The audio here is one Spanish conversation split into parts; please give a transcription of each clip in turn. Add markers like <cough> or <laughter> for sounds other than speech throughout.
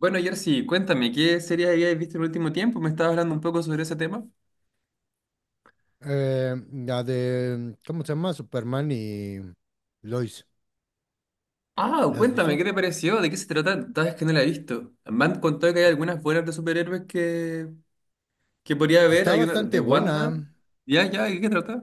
Bueno, Jersey, cuéntame, ¿qué series habías visto en el último tiempo? ¿Me estabas hablando un poco sobre ese tema? La de, ¿cómo se llama? Superman y Lois. Ah, ¿La has cuéntame, visto? ¿qué te pareció? ¿De qué se trata? Sabes que no la he visto. Me han contado que hay algunas buenas de superhéroes que podría Pues haber. está Hay una de bastante Wanda. buena ¿Ya, ya? ¿De qué trata?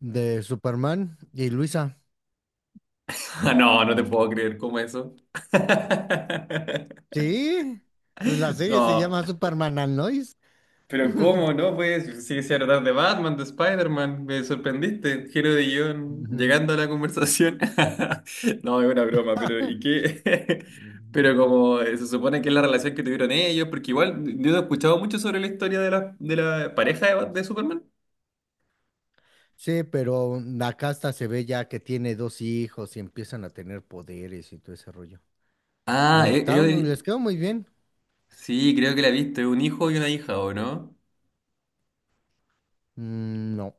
de Superman y Luisa. <laughs> No, no te puedo creer, ¿cómo eso? <laughs> Sí, pues la serie se No. llama Superman and Lois. Pero <laughs> ¿cómo, no? Pues si se tratar de Batman, de Spider-Man, me sorprendiste. Giro de guión, Ujú. llegando a la conversación. <laughs> No, es una broma, pero ¿y qué? <laughs> Pero como se supone que es la relación que tuvieron ellos, porque igual yo no he escuchado mucho sobre la historia de la pareja de Superman. Sí, pero la casta se ve ya que tiene dos hijos y empiezan a tener poderes y todo ese rollo. Ah, Les quedó muy bien. sí, creo que la he visto, es un hijo y una hija, ¿o no? Mm, no.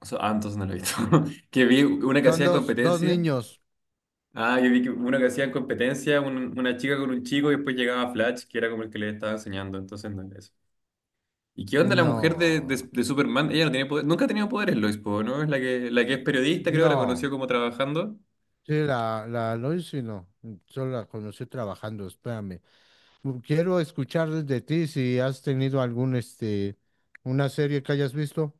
O sea, entonces no lo he visto. <laughs> Que vi una que Son hacía dos, dos competencia. niños. Ah, yo vi que uno que hacía en competencia, una chica con un chico y después llegaba Flash, que era como el que le estaba enseñando, entonces no era eso. ¿Y qué onda la mujer de, de- No, de Superman? Ella no tiene poder, nunca ha tenido poderes, Lois Poe, ¿no? Es la que es periodista, creo que la no. conoció como trabajando. Sí, la Loisi no, solo la conocí trabajando, espérame. Quiero escuchar de ti si has tenido algún, una serie que hayas visto.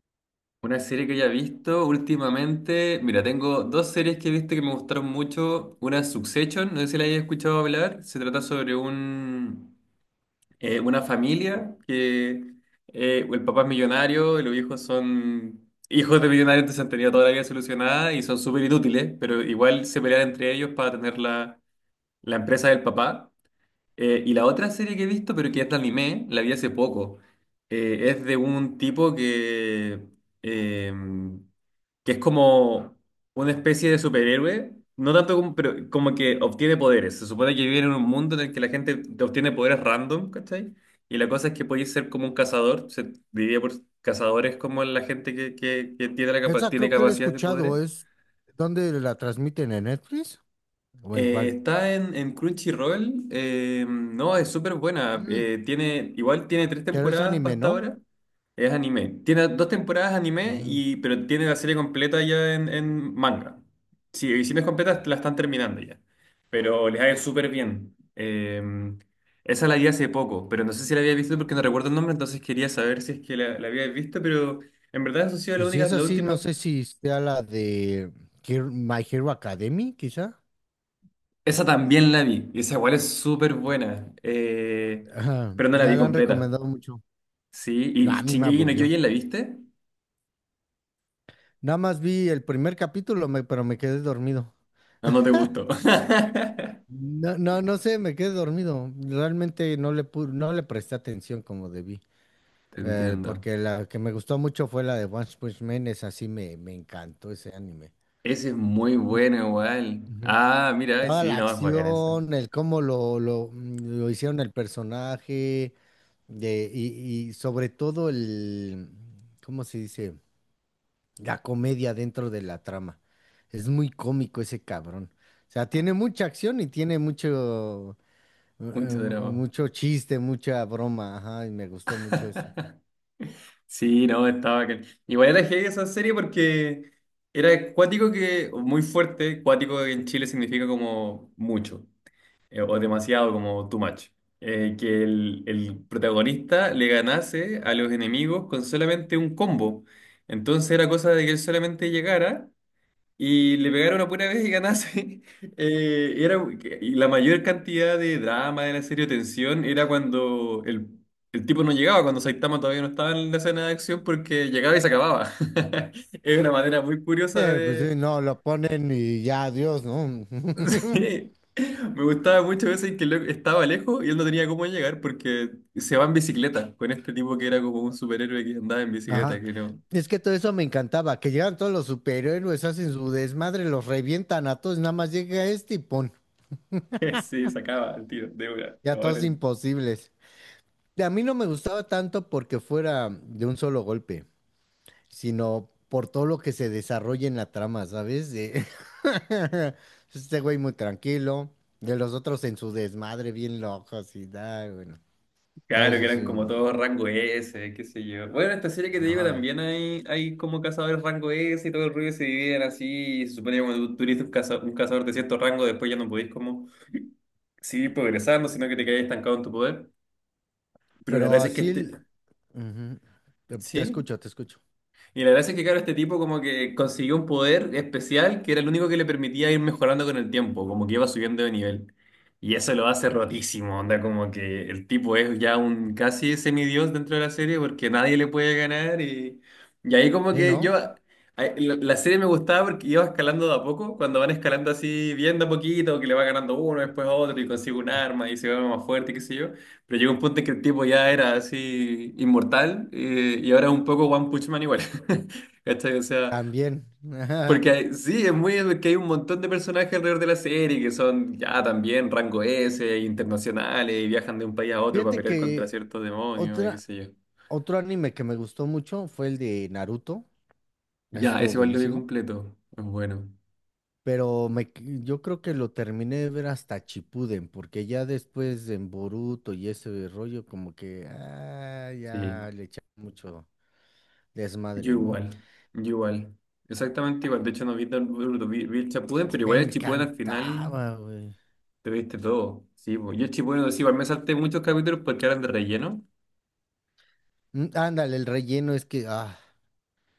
Una serie que haya visto últimamente, mira, tengo dos series que he visto que me gustaron mucho. Una es Succession, no sé si la hayas escuchado hablar, se trata sobre una familia que el papá es millonario y los hijos son hijos de millonarios, entonces han tenido toda la vida solucionada y son súper inútiles, pero igual se pelean entre ellos para tener la empresa del papá. Y la otra serie que he visto, pero que es de anime, la vi hace poco. Es de un tipo eh, que es como una especie de superhéroe, no tanto como, pero como que obtiene poderes. Se supone que vive en un mundo en el que la gente te obtiene poderes random, ¿cachai? Y la cosa es que puedes ser como un cazador, se diría por cazadores como la gente que tiene, Esa tiene creo que la he capacidad de poderes. escuchado, es donde la transmiten en Netflix o en cuál. Está en Crunchyroll. No, es súper buena. Mm, Tiene, igual tiene tres pero es temporadas pa' anime, hasta ¿no? ahora. Es anime. Tiene dos temporadas anime, Ujú. y, pero tiene la serie completa ya en manga. Si, si no es completa, la están terminando ya. Pero les ha ido súper bien. Esa la vi hace poco, pero no sé si la había visto porque no recuerdo el nombre, entonces quería saber si es que la había visto, pero en verdad eso ha sido la Pues si única, es la así, no última. sé si sea la de My Hero Academy, quizá. Esa también la vi, y esa igual es súper buena, Ajá, pero no la ya vi la han completa, recomendado mucho. ¿sí? No, a ¿Y mí me Shingeki no aburrió. Kyojin la viste? Nada más vi el primer capítulo, pero me quedé dormido. Ah, no te gustó. <laughs> No, no, no sé, me quedé dormido. Realmente no le presté atención como debí. Te entiendo. Porque la que me gustó mucho fue la de One Punch Man, esa sí me encantó ese anime. Ese es muy bueno igual. Ujú. Ah, mira, Toda sí, la no, es bacán esa. acción, el cómo lo hicieron el personaje, y sobre todo el, ¿cómo se dice? La comedia dentro de la trama. Es muy cómico ese cabrón. O sea, tiene mucha acción y tiene mucho. Mucho drama. Mucho chiste, mucha broma, ajá, y me gustó mucho eso. Sí, no, estaba bacán. Igual era heavy esa serie porque era cuático que, muy fuerte, cuático en Chile significa como mucho. O demasiado como too much. Que el protagonista le ganase a los enemigos con solamente un combo. Entonces era cosa de que él solamente llegara y le pegara una pura vez y ganase. <laughs> Eh, era, y la mayor cantidad de drama de la serie, o tensión, era cuando el tipo no llegaba, cuando Saitama todavía no estaba en la escena de acción porque llegaba y se acababa. <laughs> Es una manera muy curiosa. Pues sí, no, lo ponen y ya, adiós, ¿no? <laughs> Sí. Me gustaba mucho veces que el loco estaba lejos y él no tenía cómo llegar porque se va en bicicleta con este tipo que era como un superhéroe que andaba en bicicleta, Ajá. que no. Es que todo eso me encantaba, que llegan todos los superhéroes, hacen su desmadre, los revientan a todos, nada más llega este y pon, <laughs> Sí, sacaba el tiro de una. ya todos Ahora, imposibles. Y a mí no me gustaba tanto porque fuera de un solo golpe, sino por todo lo que se desarrolla en la trama, ¿sabes? <laughs> Este güey muy tranquilo, de los otros en su desmadre bien locos y da, bueno, todo claro, que eso eran sí. como todos rango S, qué sé yo. Bueno, esta serie que te digo Ajá. también hay como cazadores rango S y todo el ruido se dividen así. Y se supone que cuando tú eres un cazador de cierto rango, después ya no podés como seguir progresando, sino que te quedás estancado en tu poder. Pero la Pero gracia es que así, este. Ujú, Te ¿Sí? escucho, te escucho. Y la gracia es que, claro, este tipo como que consiguió un poder especial que era el único que le permitía ir mejorando con el tiempo, como que iba subiendo de nivel. Y eso lo hace rotísimo, onda, como que el tipo es ya un casi semidios dentro de la serie porque nadie le puede ganar. Y ahí como ¿Eh, que yo, no? La serie me gustaba porque iba escalando de a poco, cuando van escalando así bien de a poquito, que le va ganando uno, después otro y consigue un arma y se vuelve más fuerte, qué sé yo. Pero llegó un punto en que el tipo ya era así inmortal y ahora es un poco One Punch Man igual. <laughs> ¿Cachai? O sea, También. porque sí, es muy que hay un montón de personajes alrededor de la serie que son ya también rango S, internacionales y viajan de un país a <laughs> otro para Fíjate pelear contra que ciertos demonios y qué otra, sé yo. otro anime que me gustó mucho fue el de Naruto. Ya, Estuvo ese igual lo vi buenísimo. completo. Es bueno. Pero yo creo que lo terminé de ver hasta Chipuden, porque ya después en Boruto y ese rollo, como que ya Sí. le echaron mucho Yo desmadre, ¿no? igual. Yo igual. Exactamente igual. De hecho, no vi tan Naruto, vi el Shippuden, pero Me igual el Shippuden al final. encantaba, güey. Te viste todo. Sí, pues. Yo estoy bueno, sí, igual me salté muchos capítulos porque eran de relleno. Ándale, el relleno es que,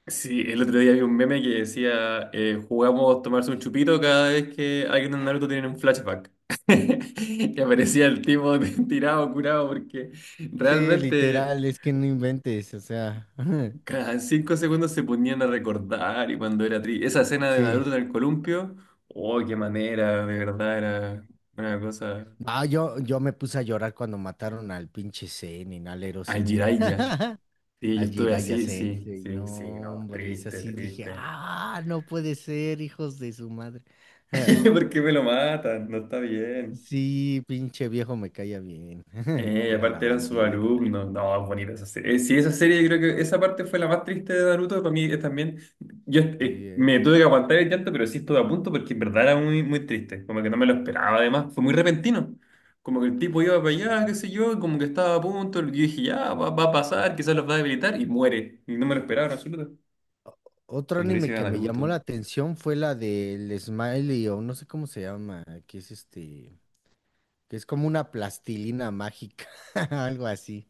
Sí, el otro día vi un meme que decía, jugamos tomarse un chupito cada vez que alguien en Naruto tiene un flashback. <laughs> Que aparecía el tipo <laughs> tirado, curado, porque sí, realmente literal, es que no inventes, o sea, <laughs> cada 5 segundos se ponían a recordar y cuando era triste. Esa escena de sí. Naruto en el columpio, oh, qué manera, de verdad, era una cosa. Ah, yo me puse a llorar cuando mataron al pinche Zenin, al Ero Al Zenin. Jiraiya. Sí, yo Al estuve Jiraiya así, sí, Sensei, sí, sí, no, no, hombre, es triste, así, dije, triste. ah, no puede ser, hijos de su madre. <laughs> <laughs> ¿Por qué me lo matan? No está bien. Sí, pinche viejo me caía bien. <laughs> Y Era la aparte eran sus bandita. alumnos. No, es bonita esa serie. Sí, esa serie, yo creo que esa parte fue la más triste de Naruto. Para mí es también. Yo Sí, me ¿eh? tuve que aguantar el llanto, pero sí estuve a punto porque en verdad era muy, muy triste. Como que no me lo esperaba, además. Fue muy repentino. Como que el tipo iba para allá, qué sé yo, y como que estaba a punto. Yo dije, ya, va a pasar, quizás los va a debilitar, y muere. Y no me lo esperaba en absoluto. Otro Cuando le anime hice a que me llamó Naruto. la atención fue la del Smiley, o no sé cómo se llama, que es como una plastilina mágica, <laughs> algo así,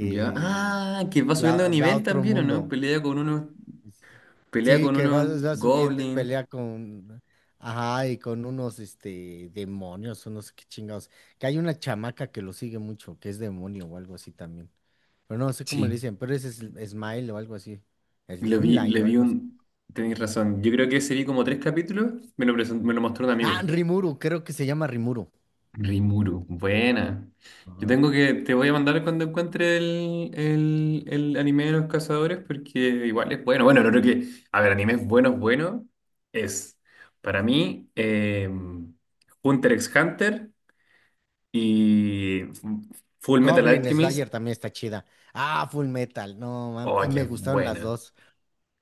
Ya. Ah, que va subiendo de ya va a nivel otro también, ¿o no? mundo. Pelea Sí, con que va, unos va subiendo y goblins. pelea con, ajá, y con unos, demonios o no sé qué chingados. Que hay una chamaca que lo sigue mucho, que es demonio o algo así también. Pero no sé cómo Sí, le dicen, pero ese es Smile o algo así. lo vi, Slimline le o vi algo así. un. Tenéis razón. Yo creo que ese vi como tres capítulos. Me lo mostró un Ah, amigo. Rimuru, creo que se llama Rimuru. Rimuru. Buena. Ajá. Te voy a mandar cuando encuentre el anime de los cazadores porque igual es bueno. Bueno, lo creo que. A ver, animes buenos, buenos. Es, para mí, Hunter x Hunter y Full Metal Goblin Alchemist. Slayer también está chida. Ah, Full Metal, no, Oh, que me es gustaron las buena. dos.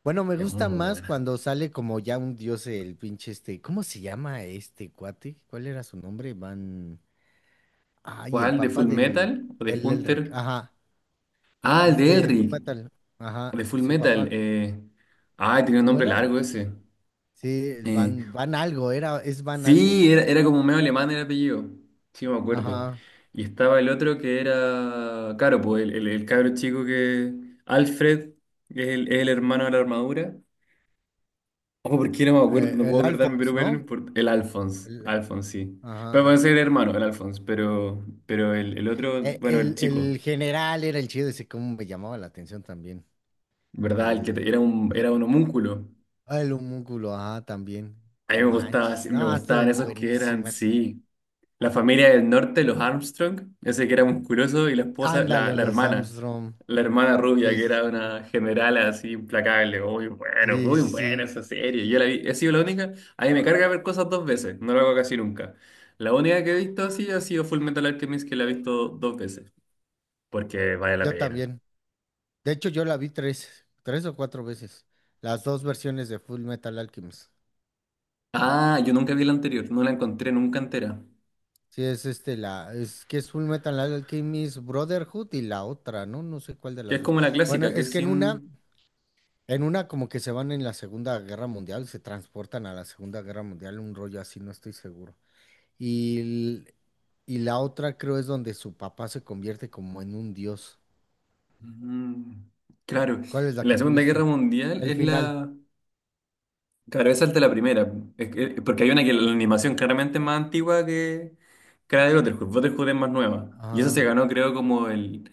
Bueno, me Es muy gusta más buena. cuando sale como ya un dios el pinche este. ¿Cómo se llama este cuate? ¿Cuál era su nombre? Van. Ay, el ¿Cuál? ¿De papá Full del. Metal o de Del Elric. Hunter? Ajá. Ah, el de De Elric. Fullmetal. De Ajá. Full Su Metal. papá. Ah, tenía un ¿Cómo nombre era? largo ese. Sí, el Eh, Van. Van algo. Era. Es Van algo. Sí, era como medio alemán el apellido. Sí, me acuerdo. Ajá. Y estaba el otro que era. Claro, pues el cabro chico que. Alfred, que es el hermano de la armadura. Oh, ¿por qué no me acuerdo? No El puedo acordarme, pero Alphonse, bueno, no ¿no? importa. El Alphonse. El- Alphonse, sí. Pero puede ajá. ser el hermano, el Alphonse. Pero el otro, eh, bueno, el El, chico. el general era el chido. Ese cómo me llamaba la atención también. ¿Verdad? El que El. era un homúnculo. Ah, el homúnculo, ajá, también. A mí No me gustaba, manches, sí, me no, esto gustaban es esos que eran, buenísimo. Sí. La familia del norte, los Armstrong, ese que era musculoso, y la esposa, la, Ándale en la los hermana, Armstrong. la hermana rubia, Sí, que sí, era sí. una general así implacable. Muy bueno, Sí, muy sí, buena sí. esa serie. Yo la vi, he sido la única. A mí me carga ver cosas dos veces, no lo hago casi nunca. La única que he visto así ha sido Full Metal Alchemist, que la he visto dos veces, porque vale la Yo pena. también. De hecho, yo la vi tres, tres o cuatro veces. Las dos versiones de Full Metal Alchemist. Ah, yo nunca vi la anterior, no la encontré nunca entera. Sí, es este, la, es que es Full Metal Alchemist Brotherhood y la otra, ¿no? No sé cuál de Que las es dos. como la Bueno, clásica, que es es que en una, sin, en una como que se van en la Segunda Guerra Mundial, se transportan a la Segunda Guerra Mundial, un rollo así, no estoy seguro. Y, y la otra creo es donde su papá se convierte como en un dios. Mm, claro, ¿Cuál es la en la que tú Segunda Guerra viste? Mundial El es final. la. Claro, esa es de la primera, es porque hay una que la animación claramente es más antigua que la de Brotherhood, Brotherhood es más nueva, y esa se Ah, ganó creo como el.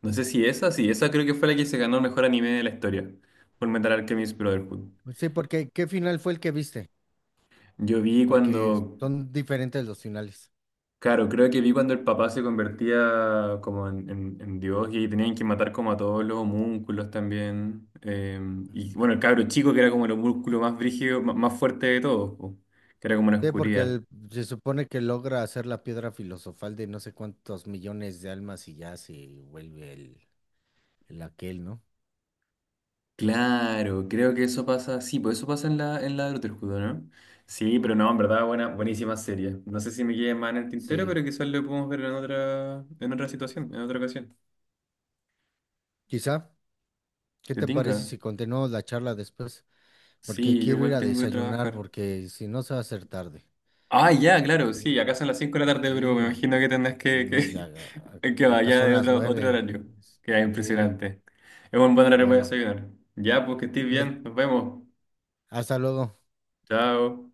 No sé si esa, sí, esa creo que fue la que se ganó el mejor anime de la historia, por Metal Alchemist Brotherhood. pues sí, porque ¿qué final fue el que viste? Yo vi cuando Porque son diferentes los finales. Claro, creo que vi cuando el papá se convertía como en Dios y tenían que matar como a todos los homúnculos también. Y Ujú. bueno, el cabro chico que era como el homúnculo más brígido, más fuerte de todos, po, que era como una Sí, porque oscuridad. Se supone que logra hacer la piedra filosofal de no sé cuántos millones de almas y ya se vuelve el aquel, ¿no? Claro, creo que eso pasa, sí, pues eso pasa en la, de Brotherhood, ¿no? Sí, pero no, en verdad, buena, buenísima serie. No sé si me quede más en el tintero, Sí. pero quizás lo podemos ver en otra, en otra ocasión. Quizá, ¿qué ¿Te te parece tinca? si continuamos la charla después? Porque Sí, yo quiero ir igual a tengo que desayunar, trabajar. porque si no se va a hacer tarde. Ah, ya, claro, sí, acá son las 5 de la tarde, pero me Sí, imagino que tendrás y no, ya, <laughs> que acá vaya son de las otro 9. horario, que es Sí, impresionante. Es un buen horario para bueno, desayunar. Ya, pues que estés nos- bien, nos vemos. hasta luego. Chao.